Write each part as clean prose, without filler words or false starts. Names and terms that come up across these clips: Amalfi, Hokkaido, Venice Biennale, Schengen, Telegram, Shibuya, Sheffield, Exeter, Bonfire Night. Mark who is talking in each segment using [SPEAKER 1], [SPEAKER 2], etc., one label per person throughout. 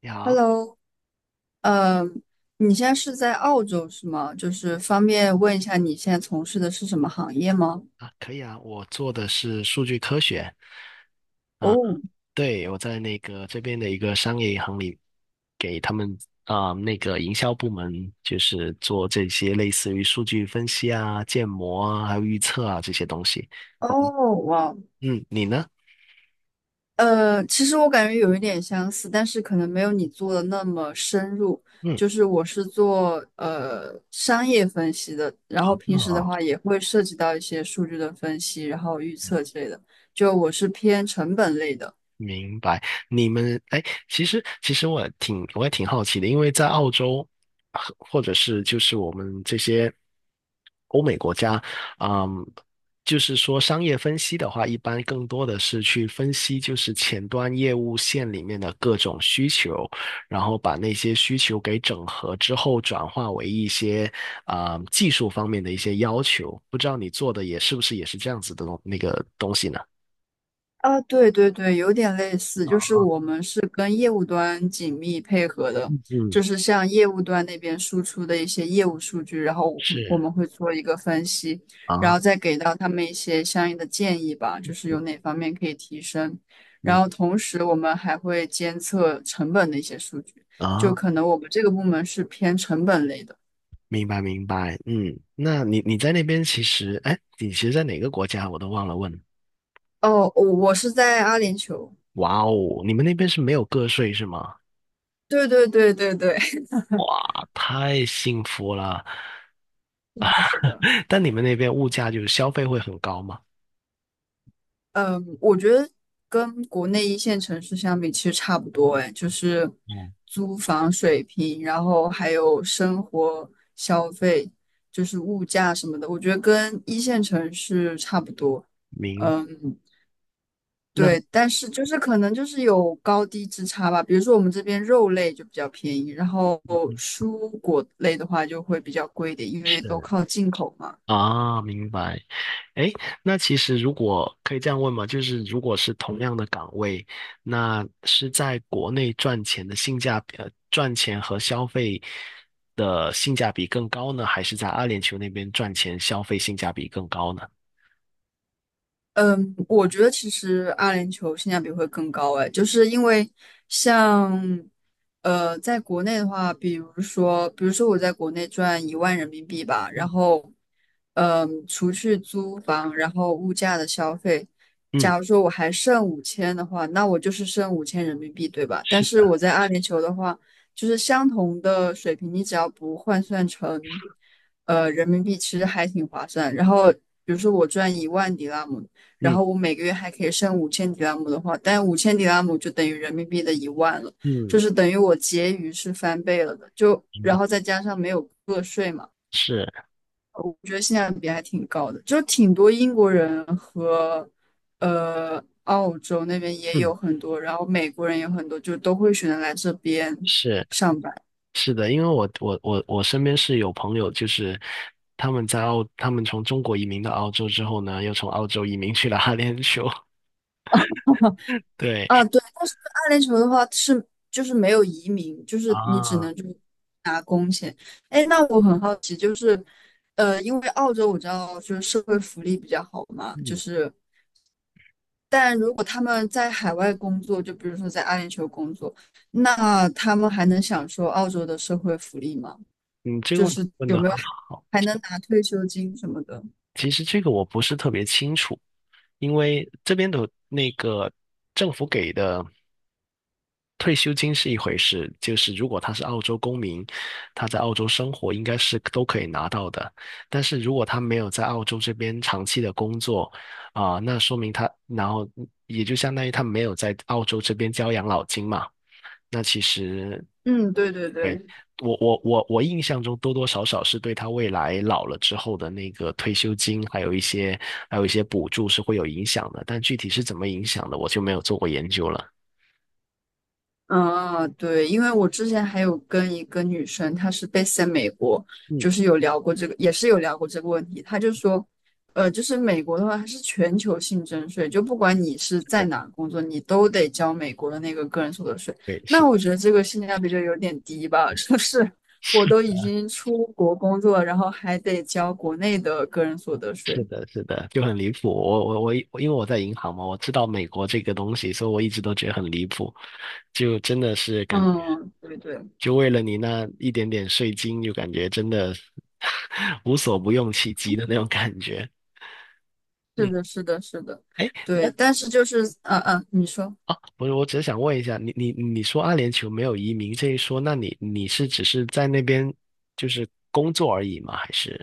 [SPEAKER 1] 你好。
[SPEAKER 2] Hello，呃，你现在是在澳洲是吗？就是方便问一下你现在从事的是什么行业吗？
[SPEAKER 1] 啊，可以啊，我做的是数据科学啊。
[SPEAKER 2] 哦
[SPEAKER 1] 对，我在这边的一个商业银行里，给他们营销部门，就是做这些类似于数据分析啊、建模啊、还有预测啊这些东西。
[SPEAKER 2] 哦，哇，
[SPEAKER 1] 嗯，你呢？
[SPEAKER 2] 其实我感觉有一点相似，但是可能没有你做的那么深入。
[SPEAKER 1] 嗯，
[SPEAKER 2] 就是我是做商业分析的，然后平
[SPEAKER 1] 啊
[SPEAKER 2] 时的话也会涉及到一些数据的分析，然后预测之类的。就我是偏成本类的。
[SPEAKER 1] 明白。你们哎，其实我也挺好奇的，因为在澳洲，啊或者是我们这些欧美国家，嗯，就是说商业分析的话，一般更多的是去分析前端业务线里面的各种需求，然后把那些需求给整合之后，转化为一些啊、技术方面的一些要求。不知道你做的也是不是也是这样子的那个东西呢？
[SPEAKER 2] 啊，对对对，有点类似，就是我们是跟业务端紧密配合的，就
[SPEAKER 1] 嗯，
[SPEAKER 2] 是像业务端那边输出的一些业务数据，然后我
[SPEAKER 1] 是
[SPEAKER 2] 们会做一个分析，然
[SPEAKER 1] 啊。
[SPEAKER 2] 后再给到他们一些相应的建议吧，就是有哪方面可以提升。然
[SPEAKER 1] 明
[SPEAKER 2] 后同时我们还会监测成本的一些数据，就
[SPEAKER 1] 啊，
[SPEAKER 2] 可能我们这个部门是偏成本类的。
[SPEAKER 1] 明白明白。嗯，那你在那边其实，哎，你其实在哪个国家我都忘了问。
[SPEAKER 2] 哦，我是在阿联酋。
[SPEAKER 1] 哇哦，你们那边是没有个税是吗？
[SPEAKER 2] 对对对对对，
[SPEAKER 1] 哇，太幸福了。
[SPEAKER 2] 是的。
[SPEAKER 1] 但你们那边物价就是消费会很高吗？
[SPEAKER 2] 嗯，我觉得跟国内一线城市相比，其实差不多哎，就是
[SPEAKER 1] 哦，
[SPEAKER 2] 租房水平，然后还有生活消费，就是物价什么的，我觉得跟一线城市差不多。
[SPEAKER 1] 明，
[SPEAKER 2] 嗯，对，
[SPEAKER 1] 那
[SPEAKER 2] 但是就是可能就是有高低之差吧。比如说我们这边肉类就比较便宜，然后蔬果类的话就会比较贵一点，因为都
[SPEAKER 1] 是。
[SPEAKER 2] 靠进口嘛。
[SPEAKER 1] 啊，明白。哎，那其实如果可以这样问嘛，就是如果是同样的岗位，那是在国内赚钱的性价比，赚钱和消费的性价比更高呢，还是在阿联酋那边赚钱消费性价比更高呢？
[SPEAKER 2] 嗯，我觉得其实阿联酋性价比会更高哎，就是因为像在国内的话，比如说我在国内赚1万人民币吧，
[SPEAKER 1] 嗯
[SPEAKER 2] 然后除去租房，然后物价的消费，
[SPEAKER 1] 嗯，
[SPEAKER 2] 假如说我还剩五千的话，那我就是剩5000人民币，对吧？但
[SPEAKER 1] 是
[SPEAKER 2] 是
[SPEAKER 1] 的，
[SPEAKER 2] 我在阿联酋的话，就是相同的水平，你只要不换算成人民币，其实还挺划算。然后比如说我赚1万迪拉姆。然
[SPEAKER 1] 嗯
[SPEAKER 2] 后我每个月还可以剩五千迪拉姆的话，但五千迪拉姆就等于人民币的一万了，就
[SPEAKER 1] 嗯，
[SPEAKER 2] 是等于我结余是翻倍了的，就
[SPEAKER 1] 明
[SPEAKER 2] 然
[SPEAKER 1] 白，
[SPEAKER 2] 后再加上没有个税嘛，
[SPEAKER 1] 是，
[SPEAKER 2] 我觉得性价比还挺高的，就挺多英国人和澳洲那边也有
[SPEAKER 1] 嗯，
[SPEAKER 2] 很多，然后美国人也有很多，就都会选择来这边
[SPEAKER 1] 是，
[SPEAKER 2] 上班
[SPEAKER 1] 是的，因为我身边是有朋友，就是他们在澳，他们从中国移民到澳洲之后呢，又从澳洲移民去了阿联酋，对
[SPEAKER 2] 啊。对，但是阿联酋的话是就是没有移民，就是你只
[SPEAKER 1] 啊，
[SPEAKER 2] 能就是拿工钱。哎，那我很好。因为澳洲我知道就是社会福利比较好嘛，就
[SPEAKER 1] 嗯，
[SPEAKER 2] 是，但如果他们在海外工作，就比如说在阿联酋工作，那他们还能享受澳洲的社会福利吗？
[SPEAKER 1] 嗯，这个
[SPEAKER 2] 就
[SPEAKER 1] 问题
[SPEAKER 2] 是
[SPEAKER 1] 问
[SPEAKER 2] 有
[SPEAKER 1] 的
[SPEAKER 2] 没有
[SPEAKER 1] 很
[SPEAKER 2] 还
[SPEAKER 1] 好。
[SPEAKER 2] 还能拿退休金什么的？
[SPEAKER 1] 其实这个我不是特别清楚，因为这边的那个政府给的退休金是一回事，就是如果他是澳洲公民，他在澳洲生活应该是都可以拿到的。但是如果他没有在澳洲这边长期的工作，啊、那说明他，然后也就相当于他没有在澳洲这边交养老金嘛。那其实
[SPEAKER 2] 嗯，对对对。
[SPEAKER 1] 我印象中多多少少是对他未来老了之后的那个退休金，还有一些还有一些补助是会有影响的，但具体是怎么影响的，我就没有做过研究了。
[SPEAKER 2] 嗯，对，因为我之前还有跟一个女生，她是 base 在美国，
[SPEAKER 1] 嗯，
[SPEAKER 2] 就是有聊过这个，也是有聊过这个问题。她就说，就是美国的话，它是全球性征税，就不管你是在
[SPEAKER 1] 对，
[SPEAKER 2] 哪工作，你都得交美国的那个个人所得税。
[SPEAKER 1] 对是，
[SPEAKER 2] 那我觉得这个性价比就有点低吧，就是我都已经出国工作了，然后还得交国内的个人所得税。
[SPEAKER 1] 是的，是的，就很离谱。我，因为我在银行嘛，我知道美国这个东西，所以我一直都觉得很离谱，就真的是感觉，
[SPEAKER 2] 嗯，对对，
[SPEAKER 1] 就为了你那一点点税金，就感觉真的 无所不用其极的那种感觉。
[SPEAKER 2] 是
[SPEAKER 1] 嗯，
[SPEAKER 2] 的，是的，是的，
[SPEAKER 1] 哎，
[SPEAKER 2] 对。
[SPEAKER 1] 那
[SPEAKER 2] 但是就是，嗯、嗯，你说。
[SPEAKER 1] 啊，不是，我只是想问一下，你说阿联酋没有移民这一说，那你是只是在那边就是工作而已吗？还是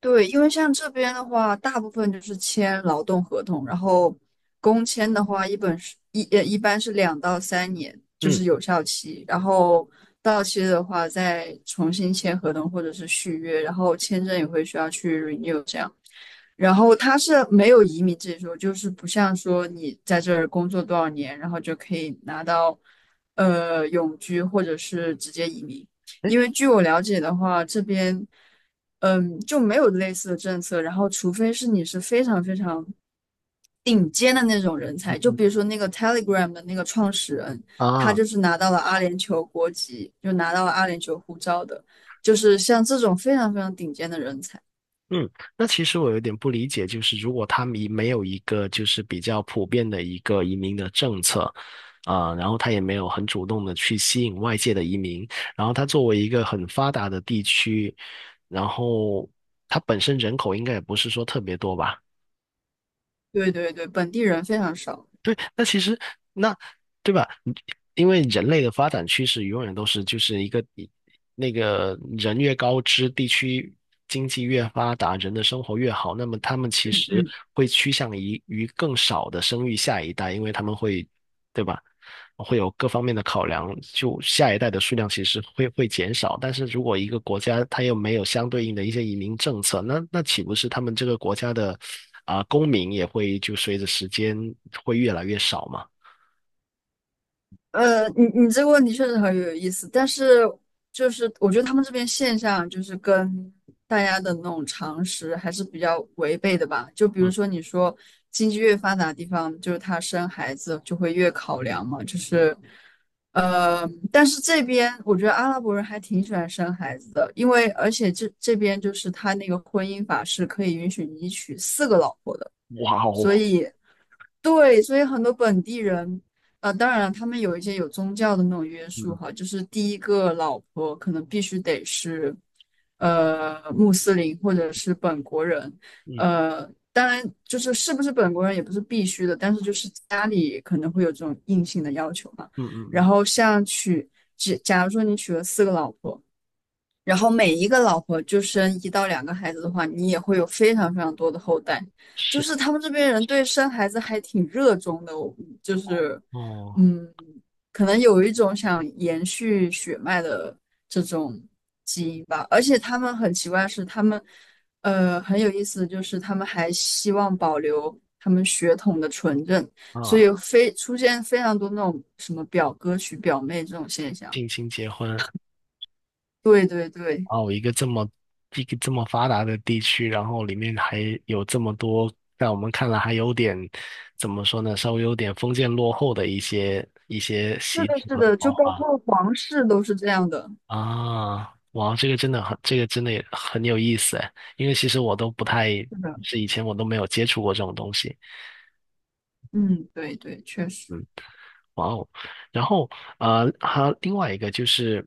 [SPEAKER 2] 对，因为像这边的话，大部分就是签劳动合同，然后工签的话，一般是2到3年，就
[SPEAKER 1] 嗯，
[SPEAKER 2] 是有效期，然后到期的话再重新签合同或者是续约，然后签证也会需要去 renew 这样。然后它是没有移民这一说，就是不像说你在这儿工作多少年，然后就可以拿到永居或者是直接移民。
[SPEAKER 1] 哎，
[SPEAKER 2] 因为据我了解的话，这边。就没有类似的政策。然后，除非是你是非常非常顶尖的那种人才，
[SPEAKER 1] 嗯
[SPEAKER 2] 就
[SPEAKER 1] 嗯
[SPEAKER 2] 比如说那个 Telegram 的那个创始人，他
[SPEAKER 1] 啊，
[SPEAKER 2] 就是拿到了阿联酋国籍，就拿到了阿联酋护照的，就是像这种非常非常顶尖的人才。
[SPEAKER 1] 嗯，那其实我有点不理解，就是如果他们移没有一个就是比较普遍的一个移民的政策，啊、然后他也没有很主动的去吸引外界的移民，然后他作为一个很发达的地区，然后它本身人口应该也不是说特别多吧？
[SPEAKER 2] 对对对，本地人非常少。
[SPEAKER 1] 对，那其实，那，对吧？你因为人类的发展趋势永远都是一个一那个人越高知，地区经济越发达，人的生活越好，那么他们其实
[SPEAKER 2] 嗯。
[SPEAKER 1] 会趋向于更少的生育下一代，因为他们会，对吧？会有各方面的考量，就下一代的数量其实会减少。但是如果一个国家它又没有相对应的一些移民政策，那那岂不是他们这个国家的啊、公民也会就随着时间会越来越少嘛？
[SPEAKER 2] 你这个问题确实很有意思，但是就是我觉得他们这边现象就是跟大家的那种常识还是比较违背的吧。就比如
[SPEAKER 1] 嗯，
[SPEAKER 2] 说你说经济越发达的地方，就是他生孩子就会越考量嘛，就是但是这边我觉得阿拉伯人还挺喜欢生孩子的，因为而且这边就是他那个婚姻法是可以允许你娶四个老婆的。
[SPEAKER 1] 哇
[SPEAKER 2] 所
[SPEAKER 1] 哦，
[SPEAKER 2] 以。对，所以很多本地人，当然了他们有一些有宗教的那种约束
[SPEAKER 1] 嗯
[SPEAKER 2] 哈，就是第一个老婆可能必须得是，穆斯林或者是本国人，
[SPEAKER 1] 嗯
[SPEAKER 2] 呃，当然就是是不是本国人也不是必须的，但是就是家里可能会有这种硬性的要求嘛。
[SPEAKER 1] 嗯嗯
[SPEAKER 2] 然
[SPEAKER 1] 嗯，
[SPEAKER 2] 后像娶，假如说你娶了四个老婆，然后每一个老婆就生1到2个孩子的话，你也会有非常非常多的后代。就
[SPEAKER 1] 是，
[SPEAKER 2] 是他们这边人对生孩子还挺热衷的，我就是，
[SPEAKER 1] 哦，
[SPEAKER 2] 嗯，可能有一种想延续血脉的这种基因吧。而且他们很奇怪的是，他们，很有意思，就是他们还希望保留他们血统的纯正，所
[SPEAKER 1] 啊，
[SPEAKER 2] 以非出现非常多那种什么表哥娶表妹这种现象。
[SPEAKER 1] 近亲结婚。
[SPEAKER 2] 对对对。
[SPEAKER 1] 哦，一个这么一个这么发达的地区，然后里面还有这么多，在我们看来还有点怎么说呢，稍微有点封建落后的一些一些
[SPEAKER 2] 是
[SPEAKER 1] 习
[SPEAKER 2] 的，
[SPEAKER 1] 俗
[SPEAKER 2] 是
[SPEAKER 1] 和
[SPEAKER 2] 的，就
[SPEAKER 1] 文化
[SPEAKER 2] 包括皇室都是这样的。
[SPEAKER 1] 啊。哇，这个真的很，这个真的也很有意思诶，因为其实我都不太
[SPEAKER 2] 是的，
[SPEAKER 1] 是以前我都没有接触过这种东西。
[SPEAKER 2] 嗯，对对，确实，
[SPEAKER 1] 嗯，哇哦，然后还有另外一个就是。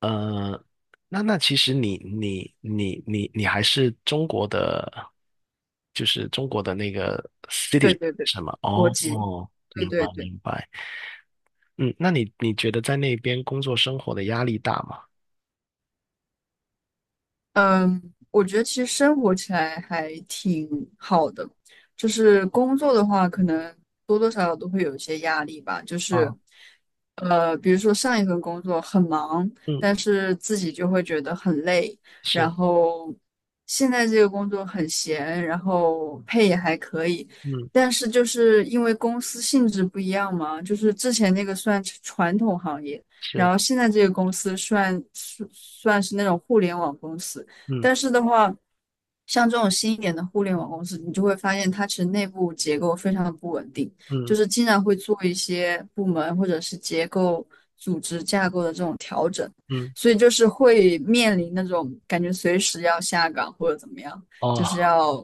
[SPEAKER 1] 呃，那那其实你还是中国的，就是中国的那个
[SPEAKER 2] 对
[SPEAKER 1] city
[SPEAKER 2] 对对，
[SPEAKER 1] 什么？
[SPEAKER 2] 国
[SPEAKER 1] 哦
[SPEAKER 2] 籍，
[SPEAKER 1] 哦，
[SPEAKER 2] 对
[SPEAKER 1] 明白
[SPEAKER 2] 对对。
[SPEAKER 1] 明白。嗯，那你觉得在那边工作生活的压力大吗？
[SPEAKER 2] 嗯，我觉得其实生活起来还挺好的，就是工作的话，可能多多少少都会有一些压力吧。就是，
[SPEAKER 1] 啊，
[SPEAKER 2] 比如说上一份工作很忙，
[SPEAKER 1] 嗯，
[SPEAKER 2] 但是自己就会觉得很累，
[SPEAKER 1] 是，
[SPEAKER 2] 然后现在这个工作很闲，然后配也还可以，
[SPEAKER 1] 嗯，
[SPEAKER 2] 但是就是因为公司性质不一样嘛，就是之前那个算是传统行业。然
[SPEAKER 1] 是，
[SPEAKER 2] 后现在这个公司算是那种互联网公司，
[SPEAKER 1] 嗯
[SPEAKER 2] 但是的话，像这种新一点的互联网公司，你就会发现它其实内部结构非常的不稳定，就
[SPEAKER 1] 嗯
[SPEAKER 2] 是经常会做一些部门或者是结构、组织架构的这种调整，
[SPEAKER 1] 嗯，
[SPEAKER 2] 所以就是会面临那种感觉随时要下岗或者怎么样，就
[SPEAKER 1] 哦，
[SPEAKER 2] 是要，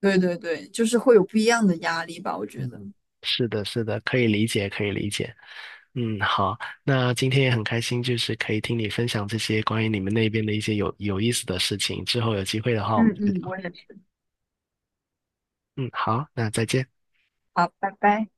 [SPEAKER 2] 对对对，就是会有不一样的压力吧，我觉得。
[SPEAKER 1] 嗯，是的，是的，可以理解，可以理解。嗯，好，那今天也很开心，就是可以听你分享这些关于你们那边的一些有意思的事情。之后有机会的话，我们
[SPEAKER 2] 嗯
[SPEAKER 1] 再
[SPEAKER 2] 嗯，我
[SPEAKER 1] 聊。
[SPEAKER 2] 也是。
[SPEAKER 1] 嗯，好，那再见。
[SPEAKER 2] 好，拜拜。